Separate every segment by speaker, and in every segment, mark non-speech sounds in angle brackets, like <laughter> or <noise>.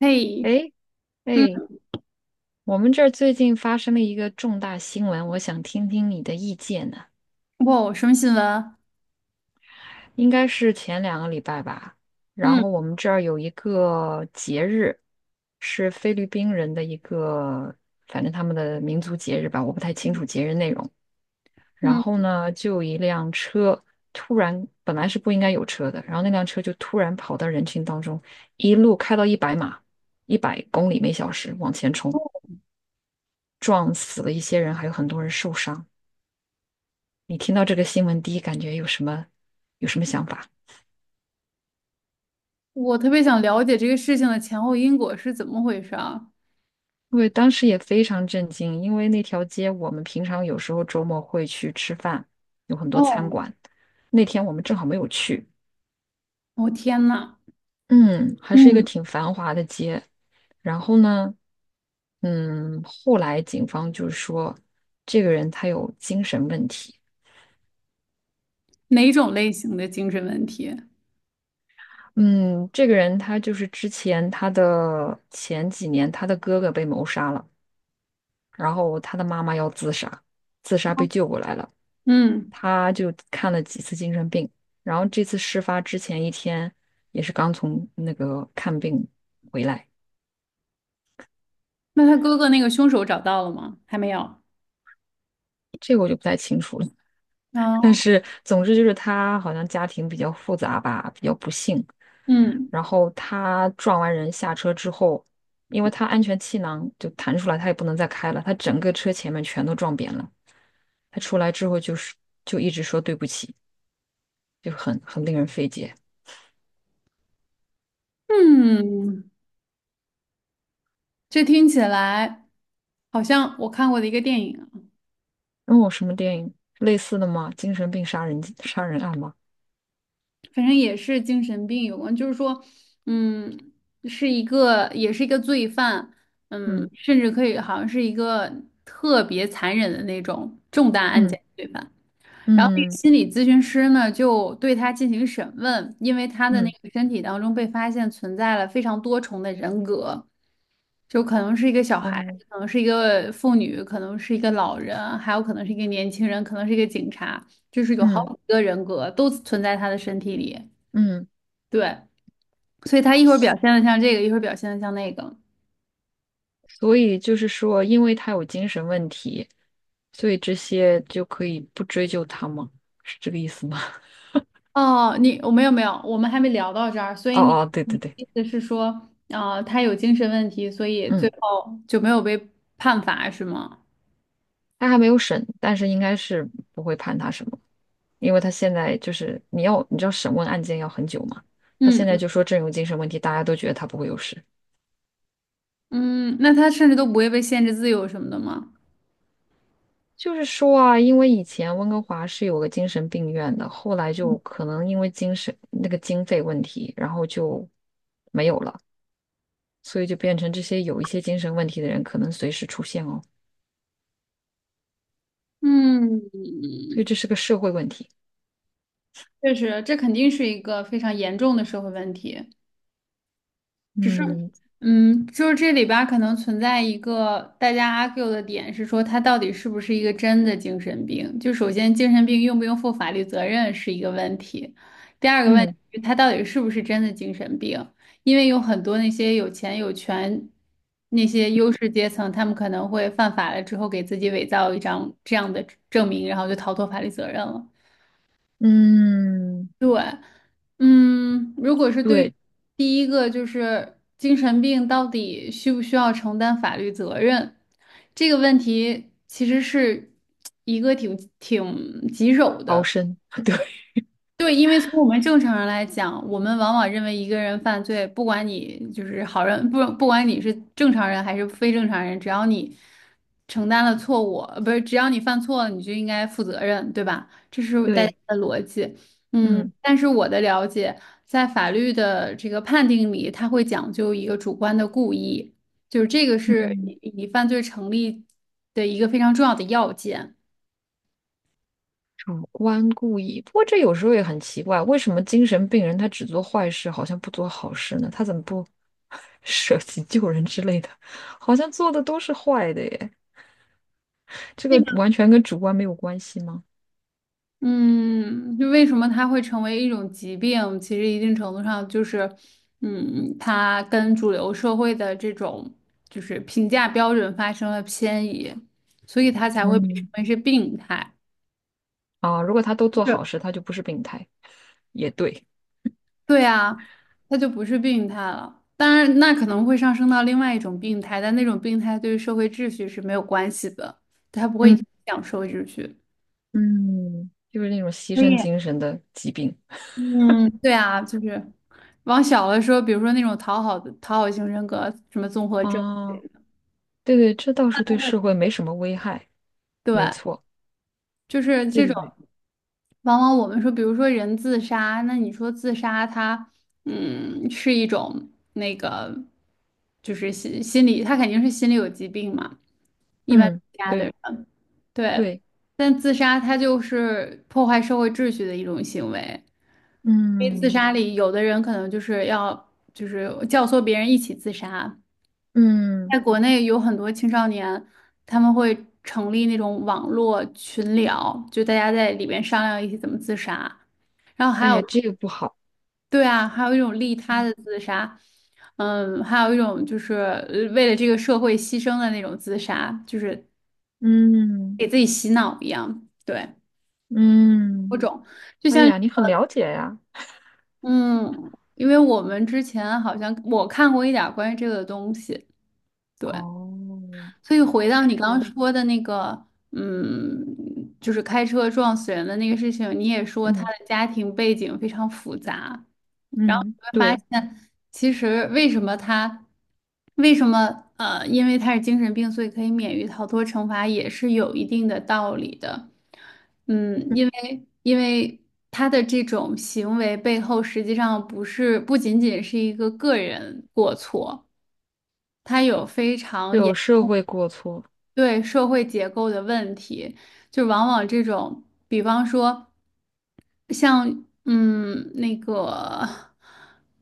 Speaker 1: 嘿，
Speaker 2: 哎
Speaker 1: 嗯，
Speaker 2: 哎，我们这儿最近发生了一个重大新闻，我想听听你的意见呢。
Speaker 1: 哇，什么新闻？
Speaker 2: 应该是前2个礼拜吧，然
Speaker 1: 嗯
Speaker 2: 后我们这儿有一个节日，是菲律宾人的一个，反正他们的民族节日吧，我不太清楚节日内容。然
Speaker 1: 嗯，
Speaker 2: 后呢，就有一辆车突然，本来是不应该有车的，然后那辆车就突然跑到人群当中，一路开到100码，100公里每小时往前冲，
Speaker 1: 哦
Speaker 2: 撞死了一些人，还有很多人受伤。你听到这个新闻，第一感觉有什么想法？
Speaker 1: 我特别想了解这个事情的前后因果是怎么回事啊？
Speaker 2: 我当时也非常震惊，因为那条街我们平常有时候周末会去吃饭，有很多餐
Speaker 1: 哦，
Speaker 2: 馆。那天我们正好没有去，
Speaker 1: 我天呐，
Speaker 2: 嗯，还是一个
Speaker 1: 嗯，
Speaker 2: 挺繁华的街。然后呢，嗯，后来警方就说这个人他有精神问题。
Speaker 1: 哪种类型的精神问题？
Speaker 2: 嗯，这个人他就是之前他的前几年他的哥哥被谋杀了。然后他的妈妈要自杀，自杀被救过来了，
Speaker 1: 嗯，
Speaker 2: 他就看了几次精神病，然后这次事发之前一天也是刚从那个看病回来，
Speaker 1: 那他哥哥那个凶手找到了吗？还没有。
Speaker 2: 这个我就不太清楚了，<laughs> 但
Speaker 1: 啊，
Speaker 2: 是总之就是他好像家庭比较复杂吧，比较不幸，
Speaker 1: 嗯
Speaker 2: 然后他撞完人下车之后。因为他安全气囊就弹出来，他也不能再开了，他整个车前面全都撞扁了。他出来之后就一直说对不起，就很令人费解。
Speaker 1: 嗯，这听起来好像我看过的一个电影。
Speaker 2: 哦，什么电影？类似的吗？精神病杀人案吗？
Speaker 1: 反正也是精神病有关，就是说，嗯，是一个也是一个罪犯，嗯，
Speaker 2: 嗯
Speaker 1: 甚至可以好像是一个特别残忍的那种重大案
Speaker 2: 嗯
Speaker 1: 件罪犯。然后那个
Speaker 2: 嗯
Speaker 1: 心理咨询师呢，就对他进行审问，因为他的那
Speaker 2: 嗯，
Speaker 1: 个身体当中被发现存在了非常多重的人格，就可能是一个小孩，
Speaker 2: 哦，
Speaker 1: 可能是一个妇女，可能是一个老人，还有可能是一个年轻人，可能是一个警察，就是有好
Speaker 2: 嗯
Speaker 1: 几个人格都存在他的身体里。
Speaker 2: 嗯，
Speaker 1: 对，所以他一会儿表现的像这个，一会儿表现的像那个。
Speaker 2: 所以就是说，因为他有精神问题，所以这些就可以不追究他吗？是这个意思吗？
Speaker 1: 哦，我没有没有，我们还没聊到这儿，所
Speaker 2: <laughs>
Speaker 1: 以
Speaker 2: 哦
Speaker 1: 你
Speaker 2: 哦，对
Speaker 1: 你
Speaker 2: 对
Speaker 1: 的
Speaker 2: 对，
Speaker 1: 意思是说，啊、他有精神问题，所以最
Speaker 2: 嗯，
Speaker 1: 后就没有被判罚是吗？
Speaker 2: 他还没有审，但是应该是不会判他什么，因为他现在就是你知道审问案件要很久嘛，他
Speaker 1: 嗯
Speaker 2: 现在就说真有精神问题，大家都觉得他不会有事。
Speaker 1: 嗯，那他甚至都不会被限制自由什么的吗？
Speaker 2: 就是说啊，因为以前温哥华是有个精神病院的，后来就可能因为精神那个经费问题，然后就没有了，所以就变成这些有一些精神问题的人可能随时出现哦，
Speaker 1: 嗯，
Speaker 2: 所以这是个社会问题。
Speaker 1: 确实，这肯定是一个非常严重的社会问题。只是，
Speaker 2: 嗯
Speaker 1: 就是这里边儿可能存在一个大家 argue 的点是说，他到底是不是一个真的精神病？就首先，精神病用不用负法律责任是一个问题，第二个问题
Speaker 2: 嗯
Speaker 1: 是他到底是不是真的精神病？因为有很多那些有钱有权那些优势阶层，他们可能会犯法了之后，给自己伪造一张这样的证明，然后就逃脱法律责任了。
Speaker 2: 嗯，
Speaker 1: 嗯，如果是对于
Speaker 2: 对，
Speaker 1: 第一个就是精神病到底需不需要承担法律责任这个问题，其实是一个挺棘手
Speaker 2: 高
Speaker 1: 的。
Speaker 2: 深，<laughs> 对
Speaker 1: 对，因为从我们正常人来讲，我们往往认为一个人犯罪，不管你就是好人，不管你是正常人还是非正常人，只要你承担了错误，不是，只要你犯错了，你就应该负责任，对吧？这是大家
Speaker 2: 对，
Speaker 1: 的逻辑。嗯，
Speaker 2: 嗯
Speaker 1: 但是我的了解，在法律的这个判定里，它会讲究一个主观的故意，就是这个
Speaker 2: 嗯。
Speaker 1: 是你犯罪成立的一个非常重要的要件。
Speaker 2: 主观故意，不过这有时候也很奇怪，为什么精神病人他只做坏事，好像不做好事呢？他怎么不 <laughs> 舍己救人之类的？好像做的都是坏的耶，这个完全跟主观没有关系吗？
Speaker 1: 嗯，就为什么它会成为一种疾病？其实一定程度上就是，它跟主流社会的这种就是评价标准发生了偏移，所以它才会被称
Speaker 2: 嗯，
Speaker 1: 为是病态。
Speaker 2: 啊，如果他都
Speaker 1: 就
Speaker 2: 做
Speaker 1: 是，
Speaker 2: 好事，他就不是病态，也对，
Speaker 1: 对啊，它就不是病态了。当然，那可能会上升到另外一种病态，但那种病态对于社会秩序是没有关系的，它不会
Speaker 2: 嗯
Speaker 1: 影响社会秩序。
Speaker 2: 嗯，就是那种牺牲
Speaker 1: 以。
Speaker 2: 精神的疾病
Speaker 1: 嗯，对啊，就是往小了说，比如说那种讨好的讨好型人格，什么综合症，
Speaker 2: 啊，对对，这倒是对社会没什么危害，
Speaker 1: 对，
Speaker 2: 没错，
Speaker 1: 就是
Speaker 2: 对
Speaker 1: 这
Speaker 2: 对对，
Speaker 1: 种。往往我们说，比如说人自杀，那你说自杀他是一种那个，就是心理，他肯定是心理有疾病嘛，一般
Speaker 2: 嗯，
Speaker 1: 自杀的人，
Speaker 2: 对
Speaker 1: 对。
Speaker 2: 对，
Speaker 1: 但自杀他就是破坏社会秩序的一种行为，因为自
Speaker 2: 嗯
Speaker 1: 杀里有的人可能就是要就是教唆别人一起自杀。在
Speaker 2: 嗯。
Speaker 1: 国内有很多青少年，他们会成立那种网络群聊，就大家在里面商量一起怎么自杀。然后还
Speaker 2: 哎
Speaker 1: 有，
Speaker 2: 呀，这个不好。
Speaker 1: 对啊，还有一种利
Speaker 2: 嗯，
Speaker 1: 他的自杀，嗯，还有一种就是为了这个社会牺牲的那种自杀，就是
Speaker 2: 嗯
Speaker 1: 给自己洗脑一样，对，多
Speaker 2: 嗯，
Speaker 1: 种。就
Speaker 2: 哎
Speaker 1: 像，
Speaker 2: 呀，你很了解呀。
Speaker 1: 嗯，因为我们之前好像我看过一点儿关于这个的东西，对。
Speaker 2: 哦，
Speaker 1: 所以回到你刚刚
Speaker 2: 是，
Speaker 1: 说的那个，就是开车撞死人的那个事情，你也说他
Speaker 2: 嗯
Speaker 1: 的家庭背景非常复杂。然后
Speaker 2: 嗯，对，
Speaker 1: 呢，其实为什么他，为什么，因为他是精神病，所以可以免于逃脱惩罚，也是有一定的道理的。嗯，因为他的这种行为背后，实际上不仅仅是一个个人过错。他有非常严。
Speaker 2: 有社会过错。
Speaker 1: 对社会结构的问题，就往往这种，比方说像那个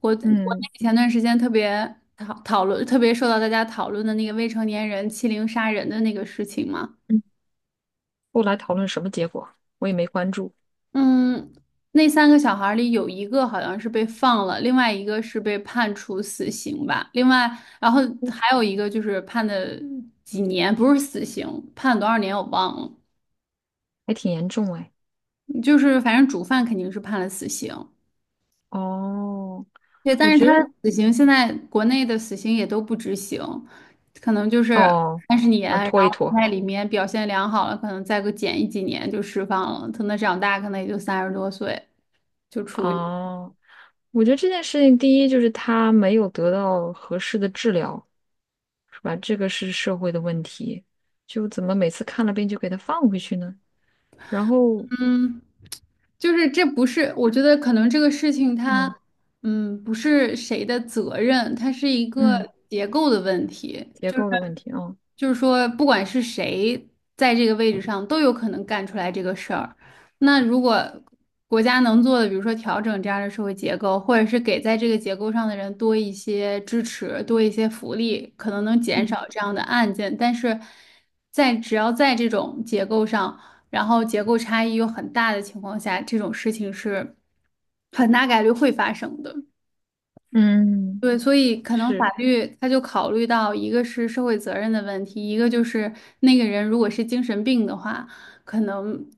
Speaker 1: 国国
Speaker 2: 嗯
Speaker 1: 内前段时间特别讨论，特别受到大家讨论的那个未成年人欺凌杀人的那个事情嘛，
Speaker 2: 嗯，后来讨论什么结果，我也没关注，
Speaker 1: 嗯，那三个小孩儿里有一个好像是被放了，另外一个是被判处死刑吧，然后还有一个就是判的几年，不是死刑，判多少年我忘了。
Speaker 2: 还挺严重哎。
Speaker 1: 就是反正主犯肯定是判了死刑，
Speaker 2: 哦，
Speaker 1: 对，但
Speaker 2: 我
Speaker 1: 是
Speaker 2: 觉
Speaker 1: 他
Speaker 2: 得
Speaker 1: 的死刑现在国内的死刑也都不执行，可能就是
Speaker 2: 哦，
Speaker 1: 30年，
Speaker 2: 想
Speaker 1: 然
Speaker 2: 拖
Speaker 1: 后
Speaker 2: 一拖。
Speaker 1: 在里面表现良好了，可能再个减一几年就释放了，等他长大可能也就30多岁就处于
Speaker 2: 哦，我觉得这件事情，第一就是他没有得到合适的治疗，是吧？这个是社会的问题，就怎么每次看了病就给他放回去呢？然后，
Speaker 1: 嗯。就是这不是，我觉得可能这个事情它，
Speaker 2: 嗯
Speaker 1: 嗯，不是谁的责任，它是一个
Speaker 2: 嗯，
Speaker 1: 结构的问题。
Speaker 2: 结
Speaker 1: 就
Speaker 2: 构的问题啊，
Speaker 1: 就是说，不管是谁在这个位置上，都有可能干出来这个事儿。那如果国家能做的，比如说调整这样的社会结构，或者是给在这个结构上的人多一些支持，多一些福利，可能能减少
Speaker 2: 嗯
Speaker 1: 这样的案件。但是在只要在这种结构上，然后结构差异又很大的情况下，这种事情是很大概率会发生的。
Speaker 2: 嗯，
Speaker 1: 对，所以可能法
Speaker 2: 是，
Speaker 1: 律他就考虑到，一个是社会责任的问题，一个就是那个人如果是精神病的话，可能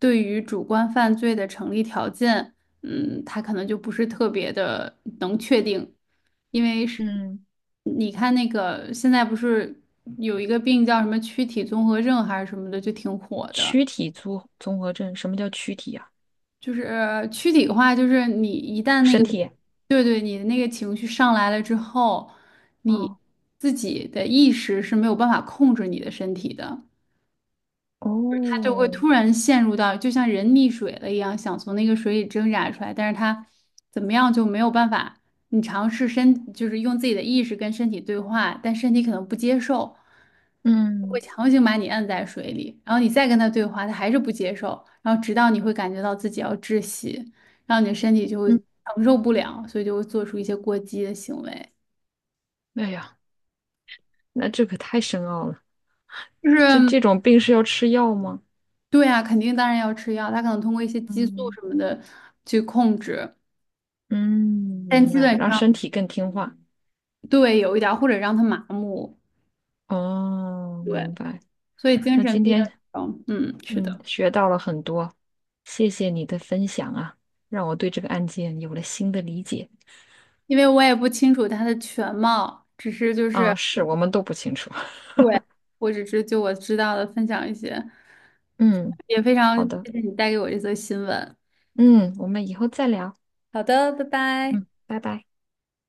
Speaker 1: 对于主观犯罪的成立条件，嗯，他可能就不是特别的能确定，因为是
Speaker 2: 嗯，
Speaker 1: 你看那个现在不是有一个病叫什么躯体综合症还是什么的，就挺火的。
Speaker 2: 躯体综合症，什么叫躯体呀、
Speaker 1: 就是躯体化，就是你一旦那个，
Speaker 2: 身体。
Speaker 1: 对对，你的那个情绪上来了之后，你
Speaker 2: 哦
Speaker 1: 自己的意识是没有办法控制你的身体的。他就会
Speaker 2: 哦，
Speaker 1: 突然陷入到就像人溺水了一样，想从那个水里挣扎出来，但是他怎么样就没有办法。你尝试身，就是用自己的意识跟身体对话，但身体可能不接受，会
Speaker 2: 嗯
Speaker 1: 强行把你摁在水里，然后你再跟他对话，他还是不接受，然后直到你会感觉到自己要窒息，然后你的身体就会
Speaker 2: 嗯，
Speaker 1: 承受不了，所以就会做出一些过激的行为。
Speaker 2: 哎呀，那这可太深奥了。
Speaker 1: 就
Speaker 2: 这
Speaker 1: 是
Speaker 2: 这种病是要吃药吗？
Speaker 1: 对啊，肯定当然要吃药，他可能通过一些激素
Speaker 2: 嗯
Speaker 1: 什么的去控制，
Speaker 2: 嗯，
Speaker 1: 但
Speaker 2: 明
Speaker 1: 基
Speaker 2: 白，
Speaker 1: 本
Speaker 2: 让
Speaker 1: 上。
Speaker 2: 身体更听话。
Speaker 1: 对，有一点儿，或者让他麻木，
Speaker 2: 哦，
Speaker 1: 对，
Speaker 2: 明白。
Speaker 1: 所以精
Speaker 2: 那
Speaker 1: 神
Speaker 2: 今
Speaker 1: 病
Speaker 2: 天
Speaker 1: 院这种是
Speaker 2: 嗯
Speaker 1: 的，
Speaker 2: 学到了很多，谢谢你的分享啊，让我对这个案件有了新的理解。
Speaker 1: 因为我也不清楚他的全貌，只是就是，
Speaker 2: 啊，是我们都不清楚。
Speaker 1: 对，我只是就我知道的分享一些，
Speaker 2: 嗯，
Speaker 1: 也非常
Speaker 2: 好的，
Speaker 1: 谢谢你带给我这则新闻。
Speaker 2: 嗯，我们以后再聊。
Speaker 1: 好的，拜拜。
Speaker 2: 嗯，拜拜。